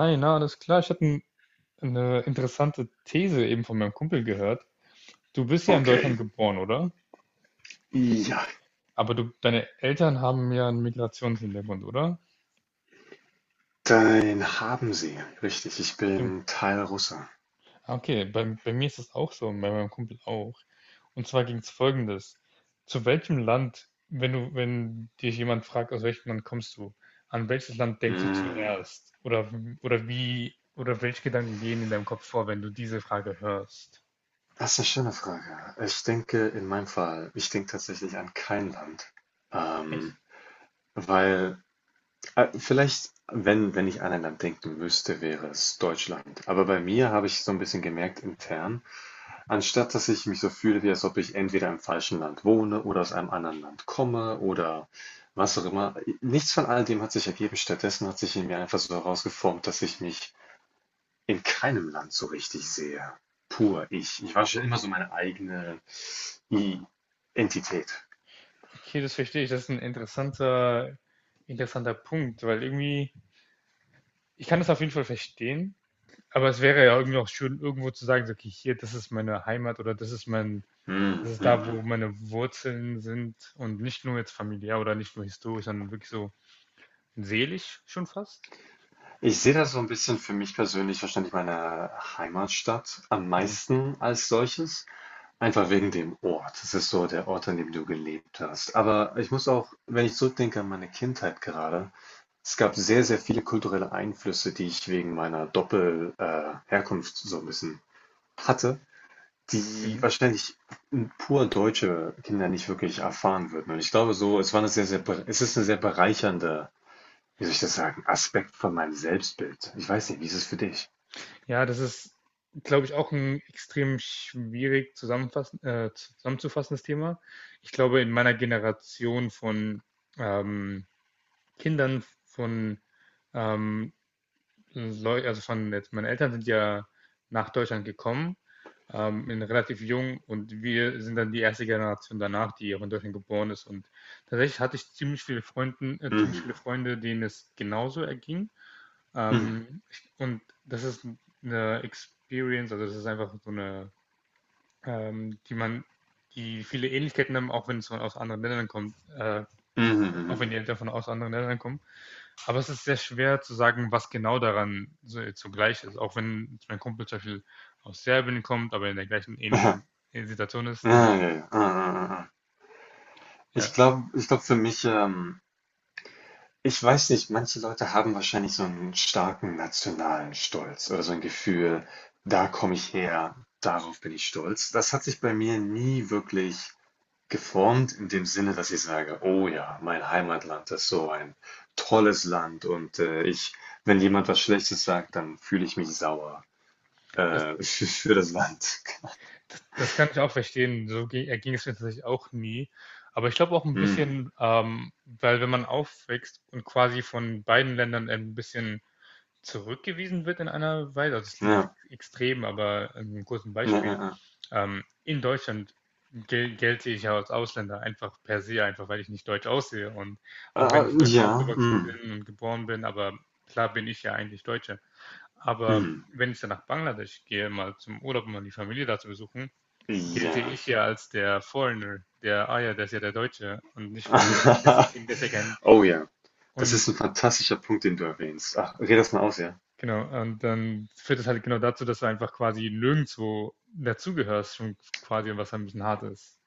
Hi, na, alles klar. Ich hatte eine interessante These eben von meinem Kumpel gehört. Du bist ja in Deutschland Okay. geboren, oder? Ja, Aber du, deine Eltern haben ja einen Migrationshintergrund, oder? dann haben sie. Richtig, ich Gen- bin Teilrusse. Ah, okay, bei mir ist das auch so, und bei meinem Kumpel auch. Und zwar ging es folgendes. Zu welchem Land, wenn dich jemand fragt, aus welchem Land kommst du, an welches Land denkst du Hm. zuerst? Oder, oder welche Gedanken gehen in deinem Kopf vor, wenn du diese Frage hörst? Das ist eine schöne Frage. Ich denke in meinem Fall, ich denke tatsächlich an kein Land. Echt? Ähm, weil, vielleicht, wenn ich an ein Land denken müsste, wäre es Deutschland. Aber bei mir habe ich so ein bisschen gemerkt intern, anstatt dass ich mich so fühle, wie als ob ich entweder im falschen Land wohne oder aus einem anderen Land komme oder was auch immer. Nichts von all dem hat sich ergeben. Stattdessen hat sich in mir einfach so herausgeformt, dass ich mich in keinem Land so richtig sehe. Pur ich. Ich war schon immer so meine eigene I Entität. Okay, das verstehe ich. Das ist ein interessanter Punkt, weil irgendwie, ich kann das auf jeden Fall verstehen, aber es wäre ja irgendwie auch schön, irgendwo zu sagen, so, okay, hier, das ist meine Heimat oder das ist mein, Hm, das ist hm, da, hm. wo meine Wurzeln sind und nicht nur jetzt familiär oder nicht nur historisch, sondern wirklich so seelisch schon fast. Ich sehe das so ein bisschen für mich persönlich wahrscheinlich meine Heimatstadt am Mhm. meisten als solches, einfach wegen dem Ort. Es ist so der Ort, an dem du gelebt hast. Aber ich muss, auch wenn ich zurückdenke an meine Kindheit gerade, es gab sehr, sehr viele kulturelle Einflüsse, die ich wegen meiner Doppelherkunft Herkunft so ein bisschen hatte, die Mhm. wahrscheinlich pur deutsche Kinder nicht wirklich erfahren würden. Und ich glaube so, es ist eine sehr bereichernde, wie soll ich das sagen, Aspekt von meinem Selbstbild. Ich weiß nicht, wie ist es für dich? Ja, das ist, glaube ich, auch ein extrem zusammenzufassendes Thema. Ich glaube, in meiner Generation von ähm, Kindern von, ähm, Leu also von jetzt, meine Eltern sind ja nach Deutschland gekommen, in relativ jung, und wir sind dann die erste Generation danach, die auch in Deutschland geboren ist. Und tatsächlich hatte ich ziemlich viele Freunde, denen es genauso erging. Und das ist eine Experience, also das ist einfach so eine, ähm, die man, die viele Ähnlichkeiten haben, auch wenn es von aus anderen Ländern kommt, auch wenn die Eltern von aus anderen Ländern kommen. Aber es ist sehr schwer zu sagen, was genau daran so jetzt so gleich ist. Auch wenn mein Kumpel zum Beispiel aus Serbien kommt, aber in der gleichen ähnlichen Situation ist. Und ja, ich glaube für mich, ich weiß nicht, manche Leute haben wahrscheinlich so einen starken nationalen Stolz oder so ein Gefühl, da komme ich her, darauf bin ich stolz. Das hat sich bei mir nie wirklich geformt in dem Sinne, dass ich sage, oh ja, mein Heimatland ist so ein tolles Land und wenn jemand was Schlechtes sagt, dann fühle ich mich sauer. das, für das Land. Das kann ich auch verstehen. So ging es mir tatsächlich auch nie. Aber ich glaube auch ein Hm. bisschen, weil wenn man aufwächst und quasi von beiden Ländern ein bisschen zurückgewiesen wird in einer Weise, also das klingt jetzt Ja. extrem, aber ein kurzes Ja, Beispiel. ja, In Deutschland gelte ich ja als Ausländer einfach per se, einfach weil ich nicht deutsch aussehe. Und auch ja. wenn ich in Deutschland Ja. aufgewachsen Hm. bin und geboren bin, aber klar bin ich ja eigentlich Deutscher. Aber Hm. wenn ich dann nach Bangladesch gehe, mal zum Urlaub, um mal die Familie da zu besuchen, gelte Ja. ich ja als der Foreigner, der, ah ja, der ist ja der Deutsche und nicht von, das Kind, der ist ja kein, Oh ja. Das ist und ein fantastischer Punkt, den du erwähnst. Ach, red das mal aus, ja. genau, und dann führt es halt genau dazu, dass du einfach quasi nirgendwo dazugehörst, schon quasi, was ein bisschen hart ist.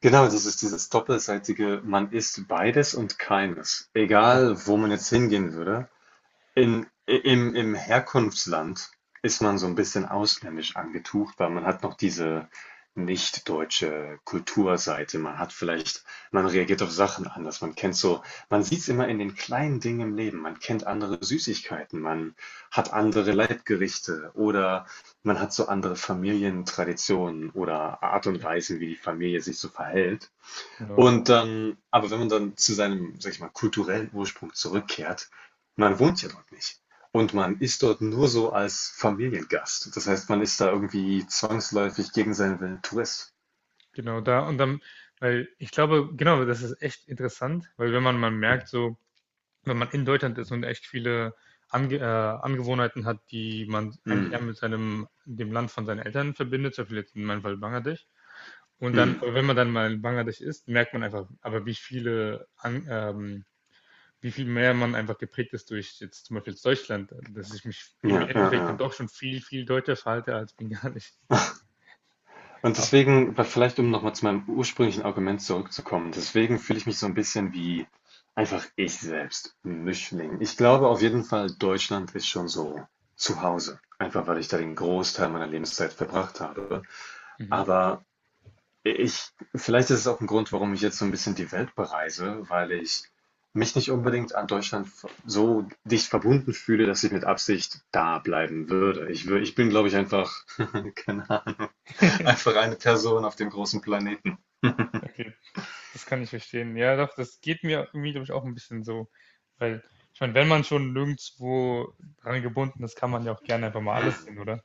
Genau, das ist dieses doppelseitige, man ist beides und keines. Gen- Egal, wo man jetzt hingehen würde. Im im, Herkunftsland ist man so ein bisschen ausländisch angetucht, weil man hat noch diese nicht deutsche Kulturseite. Man hat vielleicht, man reagiert auf Sachen anders. Man kennt so, man sieht's immer in den kleinen Dingen im Leben. Man kennt andere Süßigkeiten, man hat andere Leibgerichte oder man hat so andere Familientraditionen oder Art und ge- Weisen, wie die Familie sich so verhält. Genau, Und dann, aber wenn man dann zu seinem, sage ich mal, kulturellen Ursprung zurückkehrt, man wohnt ja dort nicht. Und man ist dort nur so als Familiengast. Das heißt, man ist da irgendwie zwangsläufig gegen seinen Willen Tourist. genau da. Und dann, weil ich glaube, genau, das ist echt interessant, weil wenn man mal merkt, so, wenn man in Deutschland ist und echt viele Angewohnheiten hat, die man eigentlich eher Mhm. mit seinem, dem Land von seinen Eltern verbindet, zum Beispiel jetzt in meinem Fall Bangladesch. Und dann, Mhm. aber wenn man dann mal in Bangladesch ist, merkt man einfach, aber wie viel mehr man einfach geprägt ist durch jetzt zum Beispiel Deutschland, dass ich mich im Ja, ja, Endeffekt dann ja. doch schon viel deutscher verhalte als bengalisch. Und Aber, deswegen, weil vielleicht, um nochmal zu meinem ursprünglichen Argument zurückzukommen, deswegen fühle ich mich so ein bisschen wie einfach ich selbst, 'n Mischling. Ich glaube auf jeden Fall, Deutschland ist schon so zu Hause, einfach weil ich da den Großteil meiner Lebenszeit verbracht habe. mhm. Aber ich vielleicht ist es auch ein Grund, warum ich jetzt so ein bisschen die Welt bereise, weil ich mich nicht unbedingt an Deutschland v so dicht verbunden fühle, dass ich mit Absicht da bleiben würde. Ich bin, glaube ich, einfach keine Ahnung, einfach eine Person auf dem großen Planeten. Okay, das kann ich verstehen. Ja, doch, das geht mir irgendwie, glaube ich, auch ein bisschen so. Weil, ich meine, wenn man schon nirgendwo dran gebunden ist, kann man ja auch gerne einfach mal alles sehen, oder?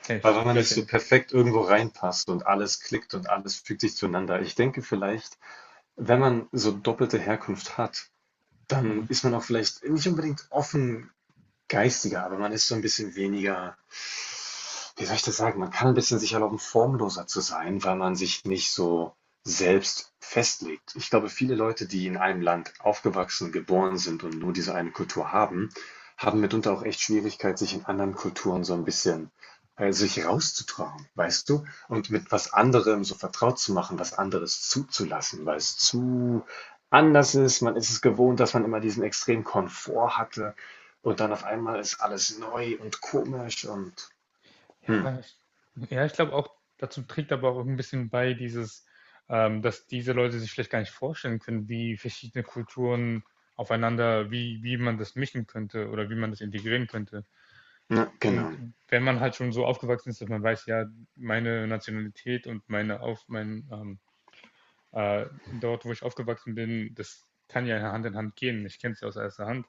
Hey, Weil wenn man stört nicht ja so nicht. perfekt irgendwo reinpasst und alles klickt und alles fügt sich zueinander. Ich denke vielleicht, wenn man so doppelte Herkunft hat, dann ist man auch vielleicht nicht unbedingt offen geistiger, aber man ist so ein bisschen weniger, wie soll ich das sagen, man kann ein bisschen sich erlauben, formloser zu sein, weil man sich nicht so selbst festlegt. Ich glaube, viele Leute, die in einem Land aufgewachsen, geboren sind und nur diese eine Kultur haben, haben mitunter auch echt Schwierigkeit, sich in anderen Kulturen so ein bisschen sich rauszutrauen, weißt du? Und mit was anderem so vertraut zu machen, was anderes zuzulassen, weil es zu anders ist. Man ist es gewohnt, dass man immer diesen extremen Komfort hatte. Und dann auf einmal ist alles neu und komisch und hm, Ja, ich, ja, ich glaube auch, dazu trägt aber auch ein bisschen bei dieses, dass diese Leute sich vielleicht gar nicht vorstellen können, wie verschiedene Kulturen aufeinander, wie man das mischen könnte oder wie man das integrieren könnte. ja, Und genau. wenn man halt schon so aufgewachsen ist, dass man weiß, ja, meine Nationalität und meine auf mein dort, wo ich aufgewachsen bin, das kann ja Hand in Hand gehen. Ich kenne es ja aus erster Hand,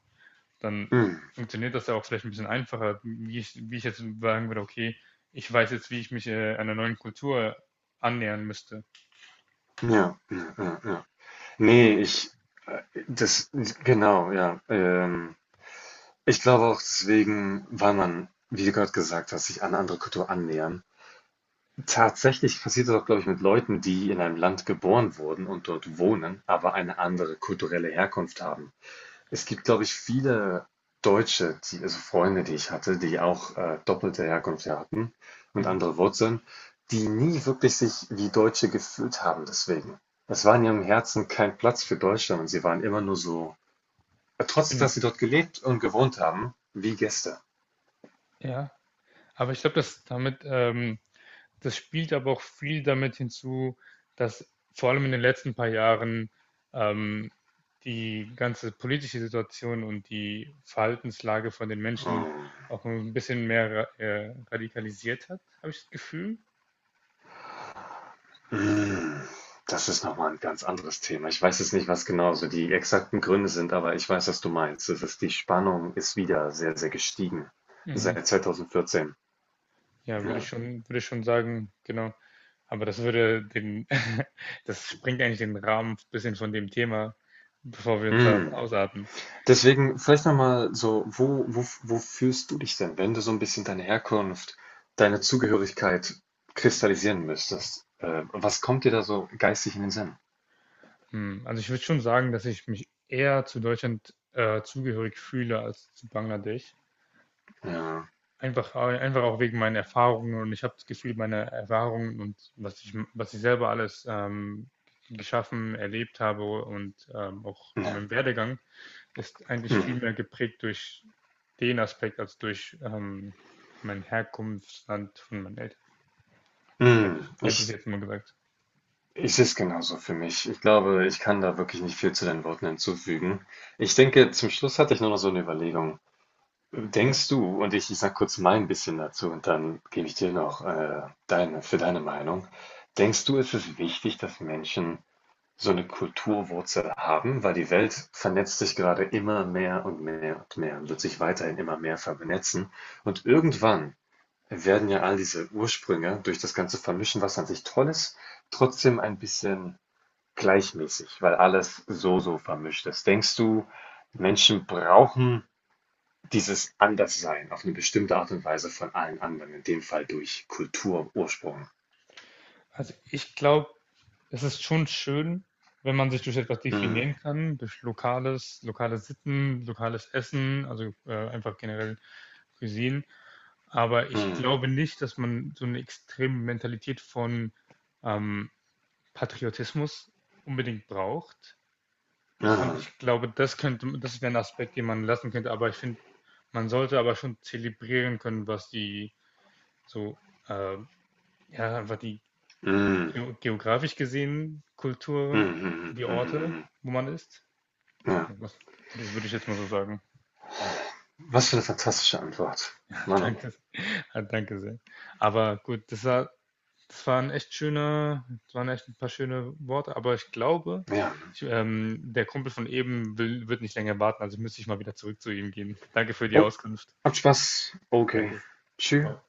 dann Hm, funktioniert das ja auch vielleicht ein bisschen einfacher, wie ich jetzt sagen würde, okay, ich weiß jetzt, wie ich mich einer neuen Kultur annähern müsste. ja, ja, ja, ja. Nee, ich, äh, das, genau, ja. Ich glaube auch deswegen, weil man, wie du gerade gesagt hast, sich an eine andere Kultur annähern. Tatsächlich passiert das auch, glaube ich, mit Leuten, die in einem Land geboren wurden und dort wohnen, aber eine andere kulturelle Herkunft haben. Es gibt, glaube ich, viele Deutsche, die, also Freunde, die ich hatte, die auch, doppelte Herkunft ja hatten und Mhm. andere Wurzeln, die nie wirklich sich wie Deutsche gefühlt haben deswegen. Es war in ihrem Herzen kein Platz für Deutschland und sie waren immer nur so Ich trotz bin, dass da- sie dort gelebt und gewohnt haben, wie Gäste. ja, aber ich glaube, dass damit, das spielt aber auch viel damit hinzu, dass vor allem in den letzten paar Jahren ähm, die ganze politische Situation und die Verhaltenslage von den Menschen Oh. auch ein bisschen mehr radikalisiert hat, habe ich das Gefühl. Mm. Das ist nochmal ein ganz anderes Thema. Ich weiß jetzt nicht, was genau so die exakten Gründe sind, aber ich weiß, was du meinst. Es ist die Spannung ist wieder sehr, sehr gestiegen Mhm. seit 2014. Ja, Ja. Würde ich schon sagen, genau. Aber das würde den das sprengt eigentlich den Rahmen ein bisschen von dem Thema, bevor wir uns da Mhm. ausarten. Deswegen vielleicht noch mal so, wo fühlst du dich denn, wenn du so ein bisschen deine Herkunft, deine Zugehörigkeit kristallisieren müsstest? Was kommt dir da so geistig in den Sinn? Hm, also, ich würde schon sagen, dass ich mich eher zu Deutschland, zugehörig fühle als zu Bangladesch. Ja, Einfach einfach auch wegen meinen Erfahrungen, und ich habe das Gefühl, meine Erfahrungen und was ich selber alles, geschaffen, erlebt habe und, auch in ja, meinem Werdegang ist eigentlich mhm, viel mehr geprägt durch den Aspekt als durch mein Herkunftsland von meinen Eltern. Mhm. Hätte ich jetzt mal gesagt. Ich sehe es genauso für mich. Ich glaube, ich kann da wirklich nicht viel zu deinen Worten hinzufügen. Ich denke, zum Schluss hatte ich nur noch so eine Überlegung. Ja. Denkst du, und ich sage kurz mein bisschen dazu und dann gebe ich dir noch deine, für deine Meinung. Denkst du, ist es wichtig, dass Menschen so eine Kulturwurzel haben? Weil die Welt vernetzt sich gerade immer mehr und mehr und mehr und wird sich weiterhin immer mehr vernetzen. Und irgendwann werden ja all diese Ursprünge durch das ganze Vermischen, was an sich toll ist, trotzdem ein bisschen gleichmäßig, weil alles so, so vermischt ist. Denkst du, Menschen brauchen dieses Anderssein auf eine bestimmte Art und Weise von allen anderen, in dem Fall durch Kultur, Ursprung. Also ich glaube, es ist schon schön, wenn man sich durch etwas Mm, definieren kann, durch lokale Sitten, lokales Essen, also einfach generell Cuisine. Aber ich mm, glaube nicht, dass man so eine extreme Mentalität von ähm, Patriotismus unbedingt braucht. Und ah, ich glaube, das wäre ein Aspekt, den man lassen könnte, aber ich finde, man sollte aber schon zelebrieren können, was die so, äh, ja, einfach die mm, geografisch gesehen mm, Kulturen, mm, die mm, Orte, mm. wo man ist. Ja. Was, würde ich jetzt mal so sagen. Was für eine fantastische Antwort. Mann, oh Mann. Danke, ah, danke sehr. Aber gut, das war, das waren echt schöne, das waren echt ein paar schöne Worte, aber ich glaube, Ja. Der Kumpel von eben will, wird nicht länger warten, also müsste ich mal wieder zurück zu ihm gehen. Danke für die Oh, Auskunft. habt Spaß. Okay. Danke. Tschüss. Ciao.